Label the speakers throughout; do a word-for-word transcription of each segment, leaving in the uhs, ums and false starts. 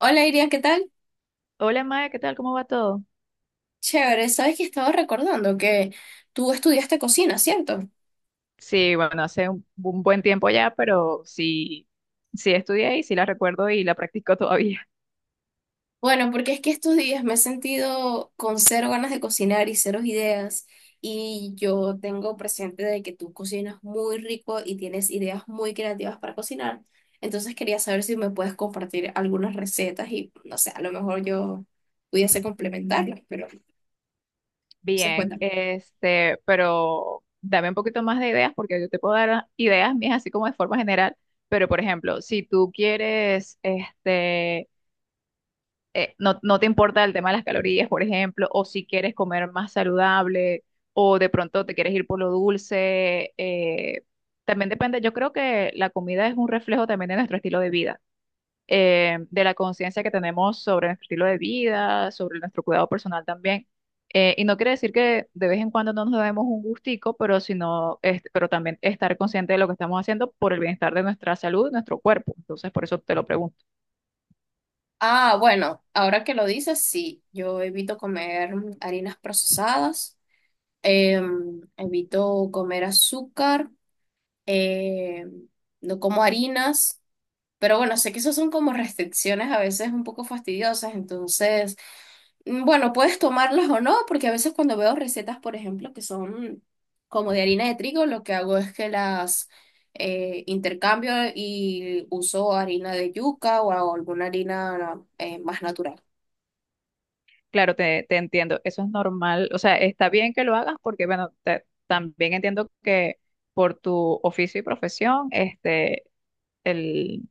Speaker 1: Hola Iria, ¿qué tal?
Speaker 2: Hola Maya, ¿qué tal? ¿Cómo va todo?
Speaker 1: Chévere, sabes que estaba recordando que tú estudiaste cocina, ¿cierto?
Speaker 2: Sí, bueno, hace un, un buen tiempo ya, pero sí, sí estudié y sí la recuerdo y la practico todavía.
Speaker 1: Bueno, porque es que estos días me he sentido con cero ganas de cocinar y cero ideas y yo tengo presente de que tú cocinas muy rico y tienes ideas muy creativas para cocinar. Entonces quería saber si me puedes compartir algunas recetas y no sé, a lo mejor yo pudiese complementarlas, pero no sé,
Speaker 2: Bien,
Speaker 1: cuéntame.
Speaker 2: este, pero dame un poquito más de ideas porque yo te puedo dar ideas mías así como de forma general, pero por ejemplo, si tú quieres, este, eh, no, no te importa el tema de las calorías, por ejemplo, o si quieres comer más saludable, o de pronto te quieres ir por lo dulce. Eh, también depende, yo creo que la comida es un reflejo también de nuestro estilo de vida, eh, de la conciencia que tenemos sobre nuestro estilo de vida, sobre nuestro cuidado personal también. Eh, y no quiere decir que de vez en cuando no nos demos un gustico, pero sino, es- pero también estar consciente de lo que estamos haciendo por el bienestar de nuestra salud, nuestro cuerpo. Entonces, por eso te lo pregunto.
Speaker 1: Ah, bueno, ahora que lo dices, sí, yo evito comer harinas procesadas. Em, evito comer azúcar. em, no como harinas, pero bueno, sé que esas son como restricciones a veces un poco fastidiosas. Entonces, mm, bueno, puedes tomarlas o no, porque a veces cuando veo recetas, por ejemplo, que son como de harina de trigo, lo que hago es que las eh, intercambio y uso harina de yuca o alguna harina eh, más natural.
Speaker 2: Claro, te, te entiendo, eso es normal, o sea, está bien que lo hagas porque, bueno, te- también entiendo que por tu oficio y profesión, este, el,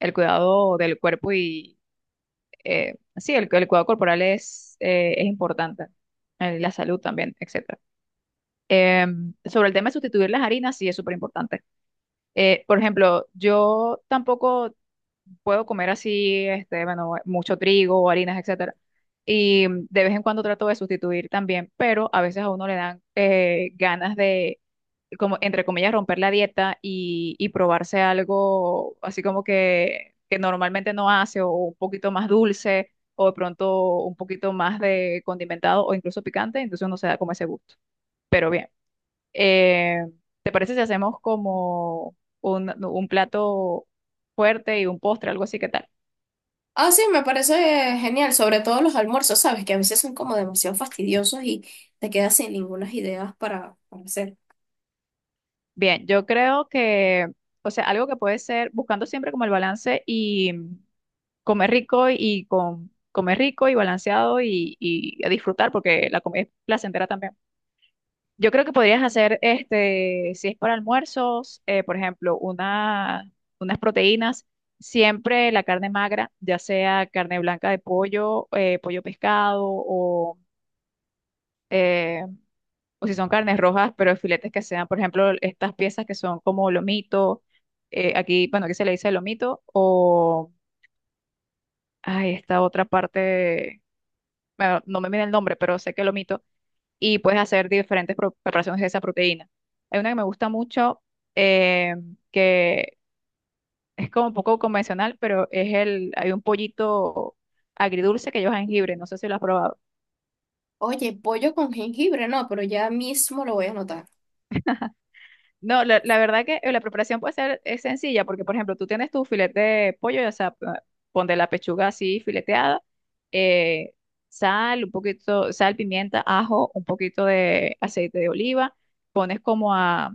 Speaker 2: el cuidado del cuerpo y, eh, sí, el, el cuidado corporal es, eh, es importante, eh, la salud también, etcétera. Em, sobre el tema de sustituir las harinas, sí es súper importante. Eh, por ejemplo, yo tampoco puedo comer así, este, bueno, mucho trigo, harinas, etcétera. Y de vez en cuando trato de sustituir también, pero a veces a uno le dan eh, ganas de, como, entre comillas, romper la dieta y, y probarse algo así como que, que normalmente no hace, o un poquito más dulce, o de pronto un poquito más de condimentado o incluso picante, entonces uno se da como ese gusto. Pero bien, eh, ¿te parece si hacemos como un, un plato fuerte y un postre, algo así? ¿Qué tal?
Speaker 1: Ah, sí, me parece genial, sobre todo los almuerzos, ¿sabes? Que a veces son como demasiado fastidiosos y te quedas sin ninguna idea para, para hacer.
Speaker 2: Bien, yo creo que, o sea, algo que puede ser buscando siempre como el balance y mm, comer rico y con comer rico y balanceado y, y a disfrutar porque la comida es placentera también. Yo creo que podrías hacer, este, si es para almuerzos, eh, por ejemplo, una, unas proteínas, siempre la carne magra, ya sea carne blanca de pollo, eh, pollo pescado o eh, o si son carnes rojas, pero filetes que sean, por ejemplo, estas piezas que son como lomito, eh, aquí, bueno, aquí se le dice lomito, o ay, esta otra parte, bueno, no me viene el nombre, pero sé que lomito, y puedes hacer diferentes pro- preparaciones de esa proteína. Hay una que me gusta mucho, eh, que es como un poco convencional, pero es el, hay un pollito agridulce que lleva jengibre, no sé si lo has probado.
Speaker 1: Oye, pollo con jengibre, no, pero ya mismo lo voy a anotar.
Speaker 2: No, la, la verdad que eh, la preparación puede ser es sencilla, porque por ejemplo, tú tienes tu filete de pollo, o sea, p- pon de la pechuga así fileteada, eh, sal, un poquito, sal, pimienta, ajo, un poquito de aceite de oliva, pones como a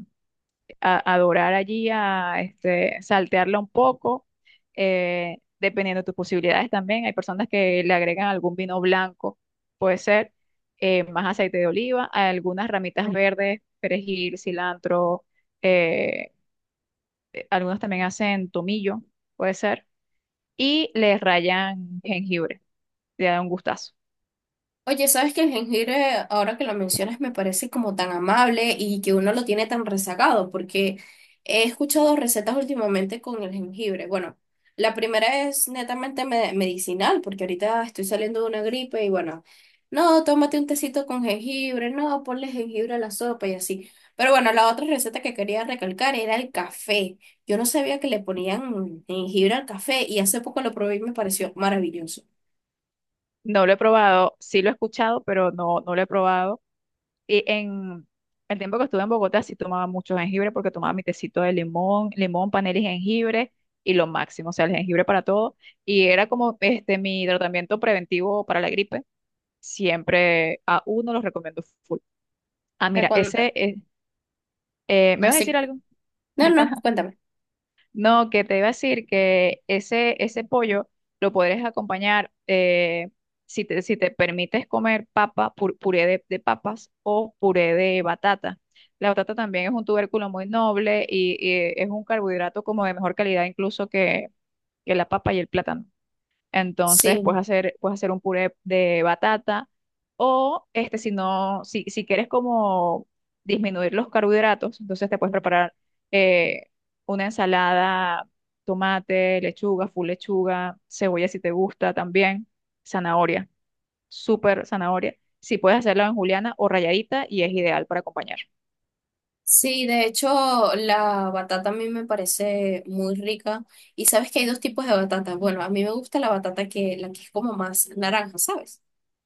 Speaker 2: a, a dorar allí, a este, saltearla un poco, eh, dependiendo de tus posibilidades también. Hay personas que le agregan algún vino blanco, puede ser, eh, más aceite de oliva, algunas ramitas verdes, perejil, cilantro, eh, algunos también hacen tomillo, puede ser, y le rayan jengibre, le da un gustazo.
Speaker 1: Oye, ¿sabes que el jengibre, ahora que lo mencionas, me parece como tan amable y que uno lo tiene tan rezagado? Porque he escuchado recetas últimamente con el jengibre. Bueno, la primera es netamente me- medicinal, porque ahorita estoy saliendo de una gripe y bueno, no, tómate un tecito con jengibre, no, ponle jengibre a la sopa y así. Pero bueno, la otra receta que quería recalcar era el café. Yo no sabía que le ponían jengibre al café y hace poco lo probé y me pareció maravilloso. O
Speaker 2: No lo he probado, sí lo he escuchado, pero no, no lo he probado. Y en el tiempo que estuve en Bogotá sí tomaba mucho jengibre porque tomaba mi tecito de limón, limón, panela y jengibre y lo máximo, o sea, el jengibre para todo. Y era como este mi tratamiento preventivo para la gripe. Siempre a uno los recomiendo full. Ah,
Speaker 1: sea,
Speaker 2: mira,
Speaker 1: cuando-
Speaker 2: ese, eh, eh, ¿me vas a decir
Speaker 1: Así.
Speaker 2: algo?
Speaker 1: No, no, cuéntame.
Speaker 2: No, que te iba a decir que ese, ese pollo lo podrías acompañar eh, si te, si te permites comer papa, pur- puré de, de papas o puré de batata. La batata también es un tubérculo muy noble y, y es un carbohidrato como de mejor calidad incluso que, que la papa y el plátano. Entonces
Speaker 1: Sí,
Speaker 2: puedes hacer, puedes hacer un puré de batata o este, si no, si, si quieres como disminuir los carbohidratos, entonces te puedes preparar eh, una ensalada, tomate, lechuga, full lechuga, cebolla si te gusta también, zanahoria, súper zanahoria. Si puedes hacerla en juliana o rayadita y es ideal para acompañar.
Speaker 1: sí, de hecho la batata a mí me parece muy rica y sabes que hay dos tipos de batata. Bueno, a mí me gusta la batata que la que es como más naranja, ¿sabes?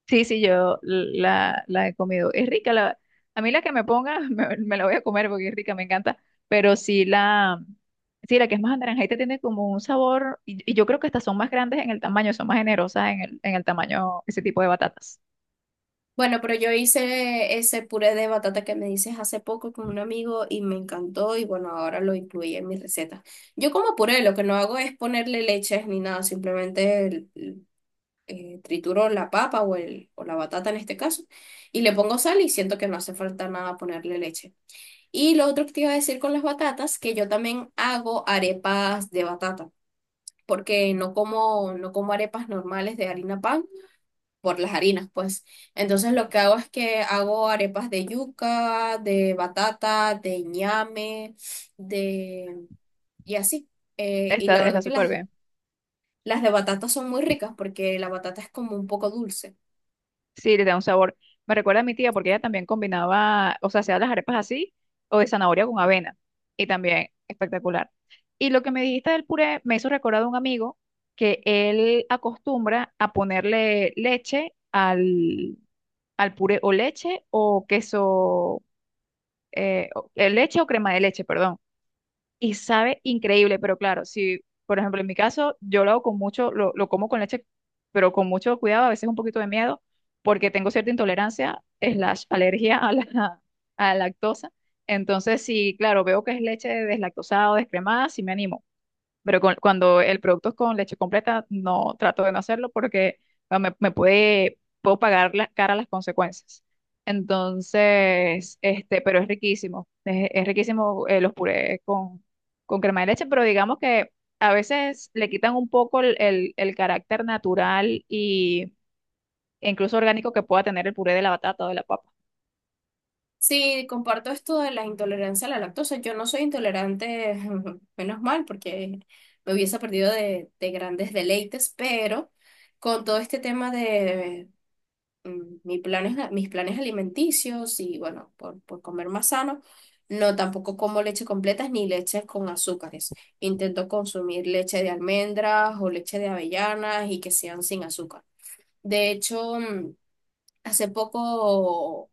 Speaker 2: Sí, sí, yo la, la he comido. Es rica, la, a mí la que me ponga me, me la voy a comer porque es rica, me encanta, pero sí la, sí, la que es más anaranjadita tiene como un sabor, y, y yo creo que estas son más grandes en el tamaño, son más generosas en el, en el tamaño, ese tipo de batatas.
Speaker 1: Bueno, pero yo hice ese puré de batata que me dices hace poco con un amigo y me encantó y bueno, ahora lo incluí en mi receta. Yo como puré, lo que no hago es ponerle leches ni nada, simplemente el- el- eh, trituro la papa o, el, o la batata en este caso y le pongo sal y siento que no hace falta nada ponerle leche. Y lo otro que te iba a decir con las batatas, que yo también hago arepas de batata, porque no como, no como arepas normales de harina pan por las harinas, pues. Entonces lo que hago es que hago arepas de yuca, de batata, de ñame, de... y así. Eh, y
Speaker 2: Está,
Speaker 1: la
Speaker 2: está
Speaker 1: verdad que
Speaker 2: súper
Speaker 1: las,
Speaker 2: bien.
Speaker 1: las de batata son muy ricas porque la batata es como un poco dulce.
Speaker 2: Sí, le da un sabor. Me recuerda a mi tía porque ella también combinaba, o sea, hacía las arepas así o de zanahoria con avena. Y también espectacular. Y lo que me dijiste del puré me hizo recordar a un amigo que él acostumbra a ponerle leche al, al puré o leche o queso, eh, o- eh, leche o crema de leche, perdón, y sabe increíble, pero claro, si, por ejemplo, en mi caso, yo lo hago con mucho, lo, lo como con leche, pero con mucho cuidado, a veces un poquito de miedo, porque tengo cierta intolerancia, slash, alergia a la, a la lactosa. Entonces, si, claro, veo que es leche deslactosada o descremada, sí me animo. Pero con- cuando el producto es con leche completa, no trato de no hacerlo porque ah, me, me puede, puedo pagar la, cara las consecuencias. Entonces, este, pero es riquísimo. Es, es riquísimo eh, los purés con, con crema de leche, pero digamos que a veces le quitan un poco el, el, el carácter natural y e incluso orgánico que pueda tener el puré de la batata o de la papa.
Speaker 1: Sí, comparto esto de la intolerancia a la lactosa. Yo no soy intolerante, menos mal, porque me hubiese perdido de, de grandes deleites, pero con todo este tema de mm, mis planes, mis planes alimenticios y bueno, por, por comer más sano, no tampoco como leche completas ni leches con azúcares. Intento consumir leche de almendras o leche de avellanas y que sean sin azúcar. De hecho, mm, hace poco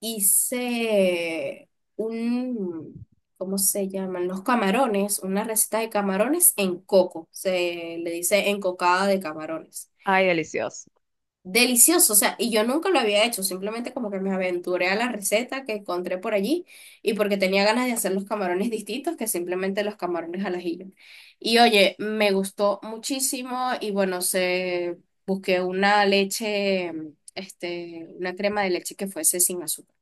Speaker 1: hice un, ¿cómo se llaman? Los camarones, una receta de camarones en coco, se le dice encocada de camarones.
Speaker 2: Ay, delicioso.
Speaker 1: Delicioso, o sea, y yo nunca lo había hecho, simplemente como que me aventuré a la receta que encontré por allí y porque tenía ganas de hacer los camarones distintos que simplemente los camarones al ajillo. Y oye, me gustó muchísimo y bueno, se busqué una leche, este, una crema de leche que fuese sin azúcar.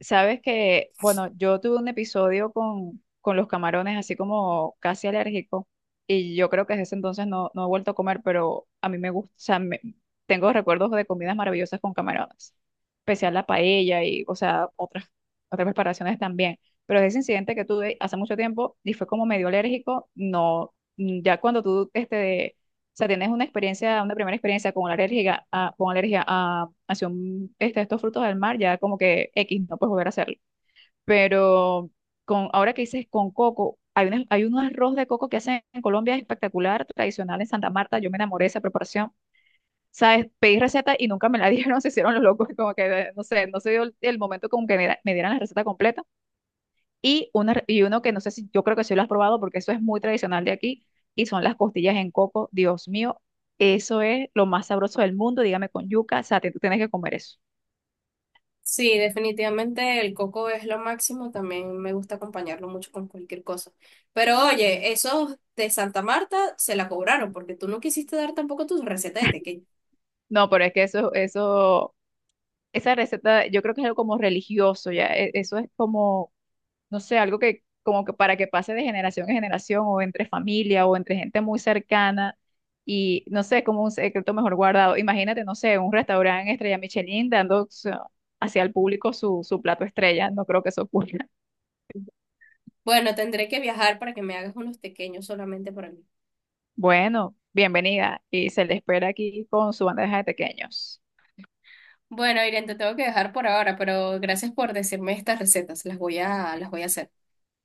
Speaker 2: Sabes que, bueno, yo tuve un episodio con, con los camarones, así como casi alérgico, y yo creo que desde ese entonces no, no he vuelto a comer, pero a mí me gusta, o sea, me- tengo recuerdos de comidas maravillosas con camarones, especial la paella y, o sea, otras, otras preparaciones también. Pero ese incidente que tuve hace mucho tiempo y fue como medio alérgico, no, mm, ya cuando tú, este, o sea, tienes una experiencia, una primera experiencia con alergia a, con alergia a, hacia un- este, estos frutos del mar, ya como que X, no puedes volver a hacerlo. Pero con, ahora que dices con coco, hay, una- hay un arroz de coco que hacen en Colombia espectacular, tradicional en Santa Marta. Yo me enamoré de esa preparación. ¿Sabes? Pedí receta y nunca me la dieron, se hicieron los locos, como que, eh, no sé, no se dio el, el momento como que me, da- me dieran la receta completa. Y, una, y uno que no sé si yo creo que sí lo has probado porque eso es muy tradicional de aquí y son las costillas en coco. Dios mío, eso es lo más sabroso del mundo. Dígame con yuca, o sea, te- tú tienes que comer eso.
Speaker 1: Sí, definitivamente el coco es lo máximo, también me gusta acompañarlo mucho con cualquier cosa. Pero oye, esos de Santa Marta se la cobraron porque tú no quisiste dar tampoco tus recetas de tequeño.
Speaker 2: No, pero es que eso, eso, esa receta, yo creo que es algo como religioso, ya. e- Eso es como no sé, algo que como que para que pase de generación en generación o entre familia o entre gente muy cercana y no sé, como un secreto mejor guardado. Imagínate, no sé, un restaurante estrella Michelin dando o sea, hacia el público su, su plato estrella, no creo que eso ocurra.
Speaker 1: Bueno, tendré que viajar para que me hagas unos tequeños solamente para mí.
Speaker 2: Bueno, bienvenida y se le espera aquí con su bandeja de pequeños.
Speaker 1: Bueno, Irene, te tengo que dejar por ahora, pero gracias por decirme estas recetas, las voy a, las voy a hacer.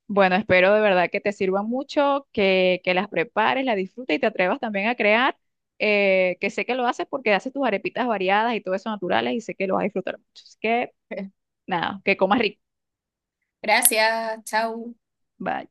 Speaker 2: Bueno, espero de verdad que te sirva mucho, que, que las prepares, las disfrutes y te atrevas también a crear, eh, que sé que lo haces porque haces tus arepitas variadas y todo eso naturales y sé que lo vas a disfrutar mucho. Así que nada, que comas rico.
Speaker 1: Gracias, chao.
Speaker 2: Bye.